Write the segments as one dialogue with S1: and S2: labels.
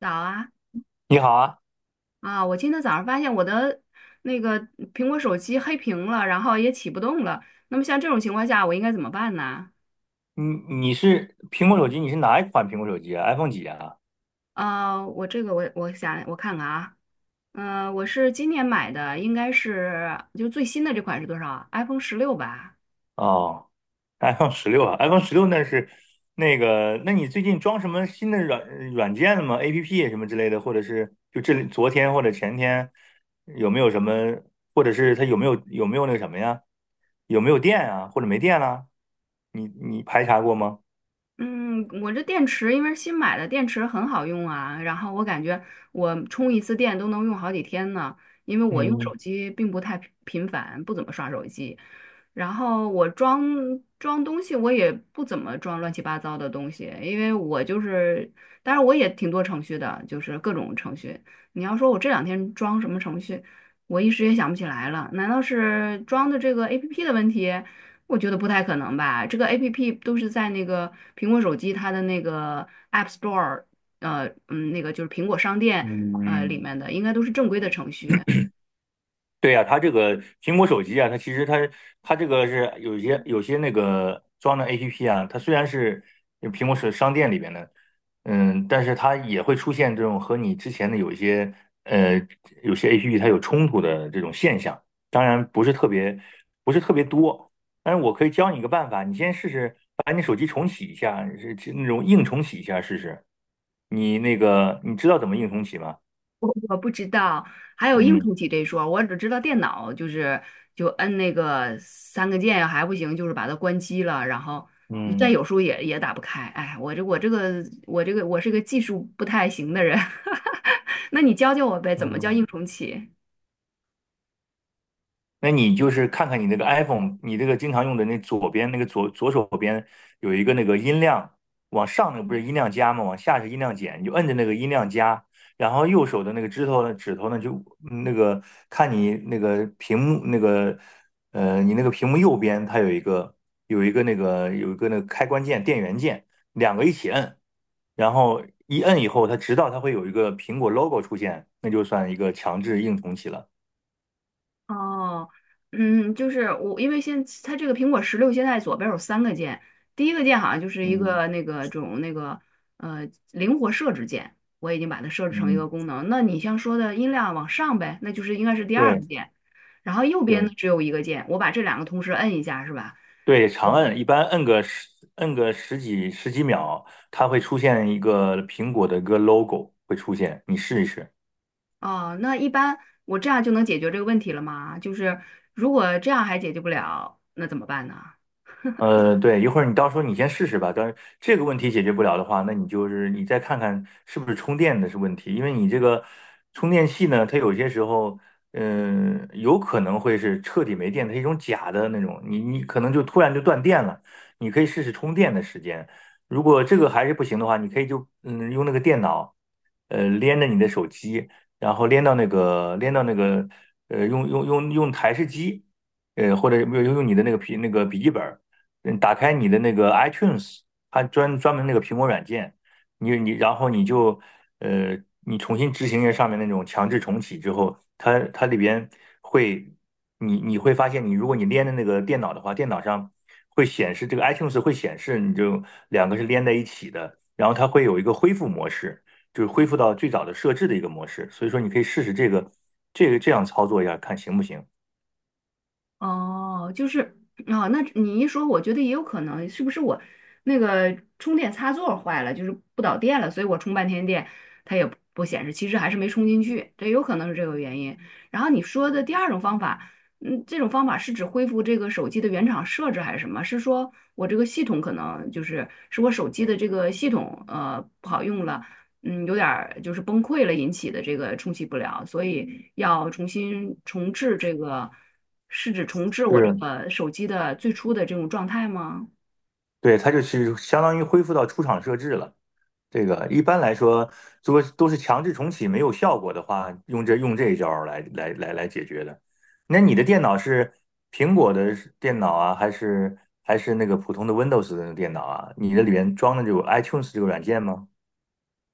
S1: 早啊
S2: 你好啊，
S1: 啊！我今天早上发现我的那个苹果手机黑屏了，然后也启不动了。那么像这种情况下，我应该怎么办呢？
S2: 你你是苹果手机，你是哪一款苹果手机啊？iPhone 几啊？
S1: 我这个我想我看看啊，嗯，我是今年买的，应该是就最新的这款是多少 iPhone 16吧。
S2: 哦，iPhone 十六啊，iPhone 十六那是那个，那你最近装什么新的软件了吗？APP 什么之类的，或者是就这里昨天或者前天有没有什么，或者是它有没有那个什么呀？有没有电啊？或者没电了？你排查过吗？
S1: 嗯，我这电池因为是新买的，电池很好用啊。然后我感觉我充一次电都能用好几天呢，因为我用手
S2: 嗯
S1: 机并不太频繁，不怎么刷手机。然后我装东西，我也不怎么装乱七八糟的东西，因为我就是，当然我也挺多程序的，就是各种程序。你要说我这两天装什么程序，我一时也想不起来了。难道是装的这个 APP 的问题？我觉得不太可能吧，这个 APP 都是在那个苹果手机它的那个 App Store，那个就是苹果商店，里
S2: 嗯，
S1: 面的应该都是正规的程序，
S2: 对呀、它这个苹果手机啊，它其实它这个是有些那个装的 APP 啊，它虽然是苹果手商店里边的，嗯，但是它也会出现这种和你之前的呃有些 APP 它有冲突的这种现象，当然不是特别多，但是我可以教你一个办法，你先试试把你手机重启一下，是那种硬重启一下试试，你那个你知道怎么硬重启吗？
S1: 我不知道，还有硬
S2: 嗯
S1: 重启这一说，我只知道电脑就是就摁那个三个键还不行，就是把它关机了，然后你再
S2: 嗯
S1: 有时候也打不开，哎，我这个我是个技术不太行的人，那你教教我呗，怎么叫硬
S2: 嗯。
S1: 重启？
S2: 那你就是看看你那个 iPhone，你这个经常用的那左边那个左手边有一个那个音量，往上那个不是音量加吗？往下是音量减，你就摁着那个音量加，然后右手的那个指头呢就嗯那个看你那个屏幕那个你那个屏幕右边它有一个那个开关键电源键，两个一起摁，然后一摁以后，它直到它会有一个苹果 logo 出现，那就算一个强制硬重启了。
S1: 哦，就是我，因为现它这个苹果16现在左边有三个键，第一个键好像就是一
S2: 嗯
S1: 个那个种那个灵活设置键，我已经把它设置成一
S2: 嗯。
S1: 个功能。那你像说的音量往上呗，那就是应该是第二
S2: 对，
S1: 个键，然后右边呢
S2: 对
S1: 只有一个键，我把这两个同时摁一下是吧？
S2: 对，长
S1: 嗯
S2: 摁，一般摁个十几秒，它会出现一个苹果的一个 logo 会出现，你试一试。
S1: 哦，那一般我这样就能解决这个问题了吗？就是如果这样还解决不了，那怎么办呢？
S2: 对，一会儿你到时候你先试试吧。但是这个问题解决不了的话，那你就是你再看看是不是充电的是问题，因为你这个充电器呢，它有些时候，嗯、有可能会是彻底没电，它是一种假的那种，你可能就突然就断电了。你可以试试充电的时间，如果这个还是不行的话，你可以就用那个电脑，连着你的手机，然后连到那个用台式机。或者用你的那个笔记本，嗯，打开你的那个 iTunes，它专门那个苹果软件，你然后你就你重新执行一下上面那种强制重启之后，它里边会你会发现你，如果你连的那个电脑的话，电脑上会显示这个 iTunes 会显示，你就两个是连在一起的，然后它会有一个恢复模式，就是恢复到最早的设置的一个模式，所以说你可以试试这个这样操作一下，看行不行？
S1: 哦，就是啊，那你一说，我觉得也有可能，是不是我那个充电插座坏了，就是不导电了，所以我充半天电，它也不显示，其实还是没充进去，这有可能是这个原因。然后你说的第二种方法，嗯，这种方法是指恢复这个手机的原厂设置还是什么？是说我这个系统可能就是我手机的这个系统不好用了，嗯，有点儿就是崩溃了引起的这个冲洗不了，所以要重新重置这个，是指重置
S2: 就
S1: 我这
S2: 是
S1: 个手机的最初的这种状态吗？
S2: 对，它就是相当于恢复到出厂设置了。这个一般来说，如果都是强制重启没有效果的话，用这一招儿来解决的。那你的电脑是苹果的电脑啊，还是那个普通的 Windows 的电脑啊？你的里面装的有 iTunes 这个软件吗？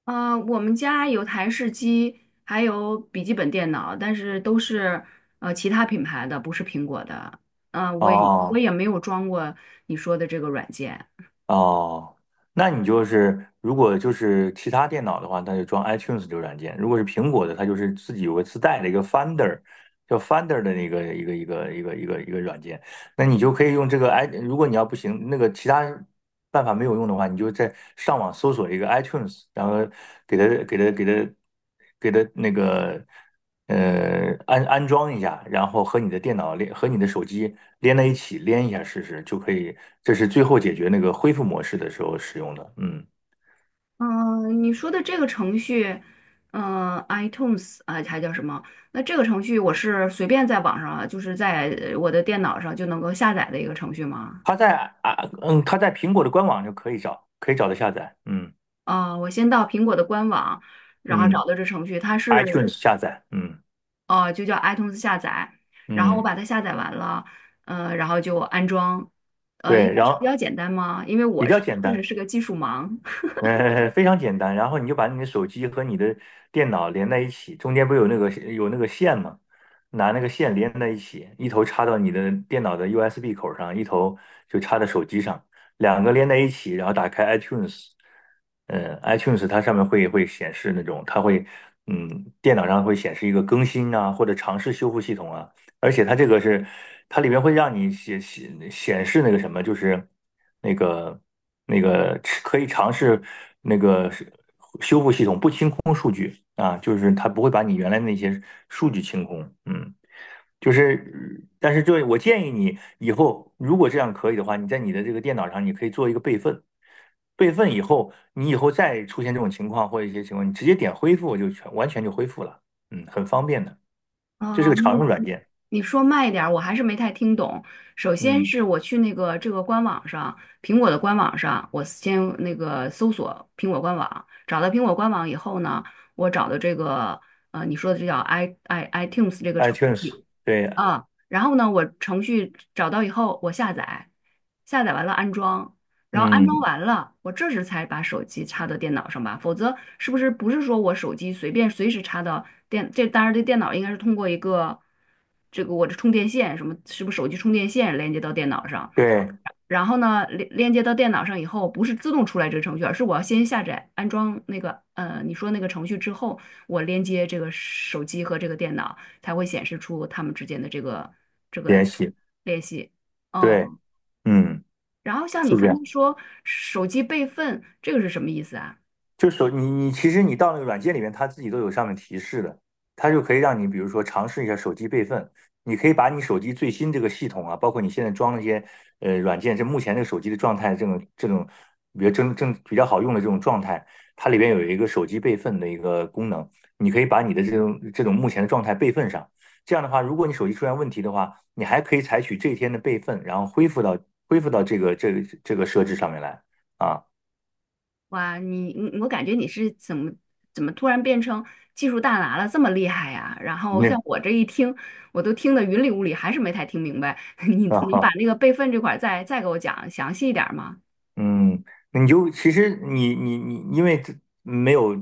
S1: 我们家有台式机，还有笔记本电脑，但是都是其他品牌的，不是苹果的。嗯，我也我
S2: 哦，
S1: 也没有装过你说的这个软件。
S2: 哦，那你就是如果就是其他电脑的话，那就装 iTunes 这个软件；如果是苹果的，它就是自己有个自带的一个 Finder，叫 Finder 的那个一个软件。那你就可以用这个 如果你要不行，那个其他办法没有用的话，你就在上网搜索一个 iTunes，然后给它给它给它给它那个。安装一下，然后和你的手机连在一起，连一下试试就可以。这是最后解决那个恢复模式的时候使用的。嗯，
S1: 嗯，你说的这个程序，iTunes 啊，还叫什么？那这个程序我是随便在网上啊，就是在我的电脑上就能够下载的一个程序吗？
S2: 它在啊，它在苹果的官网就可以找，可以找到下载。嗯
S1: 啊，我先到苹果的官网，然后
S2: 嗯
S1: 找到这程序，它是
S2: ，iTunes 下载。嗯
S1: 就叫 iTunes 下载，然后我
S2: 嗯，
S1: 把它下载完了，然后就安装，应
S2: 对，
S1: 该
S2: 然
S1: 是比
S2: 后
S1: 较简单吗？因为
S2: 比
S1: 我
S2: 较
S1: 是
S2: 简
S1: 确实
S2: 单。
S1: 是个技术盲。
S2: 非常简单。然后你就把你的手机和你的电脑连在一起，中间不是有那个线吗？拿那个线连在一起，一头插到你的电脑的 USB 口上，一头就插在手机上，两个连在一起，然后打开 iTunes。嗯，iTunes 它上面会显示那种，它会嗯，电脑上会显示一个更新啊，或者尝试修复系统啊，而且它这个是，它里面会让你显示那个什么，就是那个那个吃可以尝试那个是修复系统不清空数据啊，就是它不会把你原来那些数据清空，嗯，就是但是这我建议你以后如果这样可以的话，你在你的这个电脑上你可以做一个备份，备份以后你以后再出现这种情况或者一些情况，你直接点恢复就完全就恢复了，嗯，很方便的，这是
S1: 啊，
S2: 个
S1: 你
S2: 常用软
S1: 你
S2: 件，
S1: 你说慢一点儿，我还是没太听懂。首先
S2: 嗯。
S1: 是我去那个这个官网上，苹果的官网上，我先那个搜索苹果官网，找到苹果官网以后呢，我找的这个你说的这叫 iTunes 这个程
S2: iTunes，
S1: 序。
S2: 对，
S1: 啊，然后呢，我程序找到以后，我下载，下载完了安装，然后安装
S2: 嗯，
S1: 完了，我这时才把手机插到电脑上吧，否则是不是说我手机随便随时插到这当然这电脑应该是通过一个这个我的充电线什么，是不是手机充电线连接到电脑上？
S2: 对，
S1: 然后呢，连接到电脑上以后，不是自动出来这个程序，而是我要先下载安装那个你说那个程序之后，我连接这个手机和这个电脑，才会显示出它们之间的这个
S2: 联系，
S1: 联系。
S2: 对，
S1: 哦，
S2: 嗯，
S1: 然后像你
S2: 是这
S1: 刚
S2: 样。
S1: 才说手机备份，这个是什么意思啊？
S2: 你其实你到那个软件里面，它自己都有上面提示的，它就可以让你比如说尝试一下手机备份，你可以把你手机最新这个系统啊，包括你现在装那些软件，这目前这个手机的状态，这种比较比较好用的这种状态，它里边有一个手机备份的一个功能，你可以把你的这种目前的状态备份上。这样的话，如果你手机出现问题的话，你还可以采取这一天的备份，然后恢复到这个这个设置上面来啊。
S1: 哇，你我感觉你是怎么突然变成技术大拿了，这么厉害呀？然后像
S2: 那
S1: 我这一听，我都听得云里雾里，还是没太听明白。你
S2: 啊。
S1: 你把
S2: 好。
S1: 那个备份这块儿再给我讲详细一点儿吗？
S2: 嗯，那你就其实你，因为这没有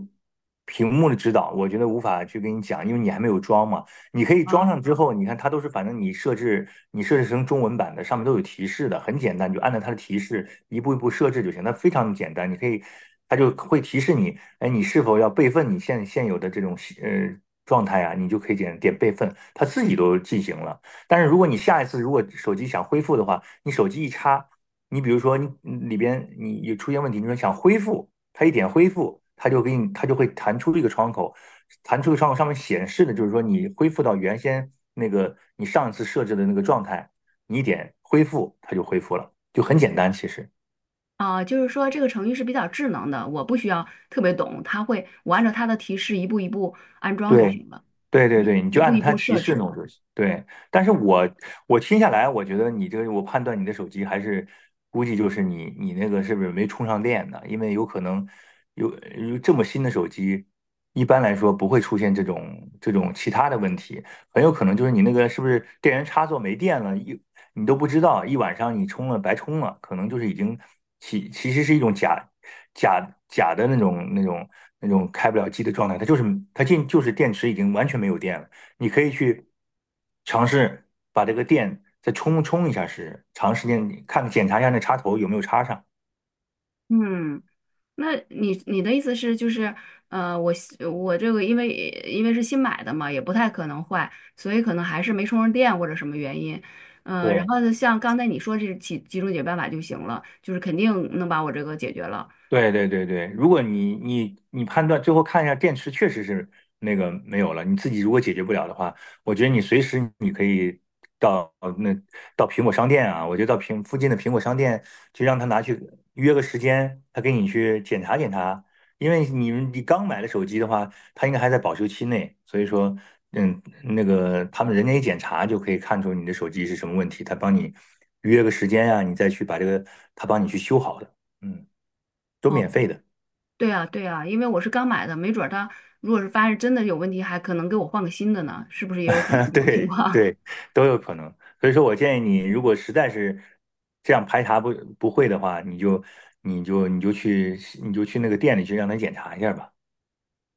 S2: 屏幕的指导，我觉得无法去跟你讲，因为你还没有装嘛。你可以装上之
S1: 啊，
S2: 后，你看它都是，反正你设置成中文版的，上面都有提示的，很简单，你就按照它的提示一步一步设置就行，它非常简单。你可以，它就会提示你，哎，你是否要备份你现有的这种状态啊？你就可以点备份，它自己都进行了。但是如果你下一次如果手机想恢复的话，你手机一插。你比如说你里边你有出现问题，你说想恢复，它一点恢复，它就会弹出一个窗口，弹出一个窗口上面显示的就是说你恢复到原先那个你上一次设置的那个状态，你一点恢复它就恢复了，就很简单其实。
S1: 啊，就是说这个程序是比较智能的，我不需要特别懂，它会我按照它的提示一步一步安装就
S2: 对，
S1: 行了，
S2: 对对
S1: 一
S2: 对，你
S1: 一
S2: 就按
S1: 步
S2: 照
S1: 一
S2: 它
S1: 步
S2: 提
S1: 设
S2: 示
S1: 置。
S2: 弄就行。对，但是我听下来，我觉得你这个，我判断你的手机还是估计就是你那个是不是没充上电呢？因为有可能有有这么新的手机，一般来说不会出现这种其他的问题。很有可能就是你那个是不是电源插座没电了，一你都不知道，一晚上你充了白充了，可能就是已经其实是一种假的那种开不了机的状态，就是电池已经完全没有电了。你可以去尝试把这个电再充充一下试试，长时间看检查一下那插头有没有插上。
S1: 嗯。那你的意思是就是，我这个因为是新买的嘛，也不太可能坏，所以可能还是没充上电或者什么原因，然
S2: 对，
S1: 后呢像刚才你说这几种解决办法就行了，就是肯定能把我这个解决了。
S2: 对对对对，如果你判断最后看一下电池确实是那个没有了，你自己如果解决不了的话，我觉得你随时你可以到那到苹果商店啊，我觉得附近的苹果商店就让他拿去约个时间，他给你去检查检查，因为你刚买的手机的话，它应该还在保修期内，所以说嗯那个他们人家一检查就可以看出你的手机是什么问题，他帮你约个时间啊，你再去把这个他帮你去修好的，嗯都
S1: 哦，
S2: 免费的，
S1: 对啊对啊，因为我是刚买的，没准儿它如果是发现真的有问题，还可能给我换个新的呢，是不是也有可能 这种情
S2: 对
S1: 况？
S2: 对，都有可能。所以说我建议你，如果实在是这样排查不不会的话，你就去那个店里去让他检查一下吧。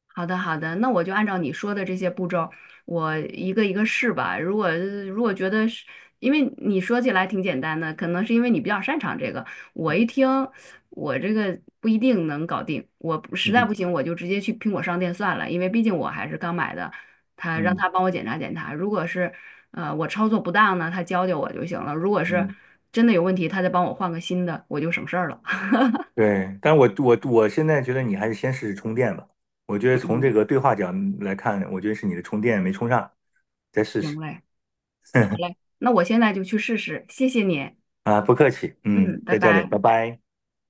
S1: 好的，好的，那我就按照你说的这些步骤，我一个一个试吧。如果觉得是，因为你说起来挺简单的，可能是因为你比较擅长这个。我一 听，我这个不一定能搞定。我不实在不
S2: 嗯
S1: 行，我就直接去苹果商店算了，因为毕竟我还是刚买的。他让
S2: 嗯
S1: 他帮我检查检查，如果是我操作不当呢，他教教我就行了。如果是
S2: 嗯，
S1: 真的有问题，他再帮我换个新的，我就省事儿了。
S2: 对。但我现在觉得你还是先试试充电吧。我觉得从这个对话角来看，我觉得是你的充电没充上，再试
S1: 行
S2: 试。
S1: 嘞，好 嘞，那我现在就去试试，谢谢你。
S2: 啊，不客气，嗯，
S1: 嗯，拜
S2: 再见了，拜
S1: 拜。
S2: 拜。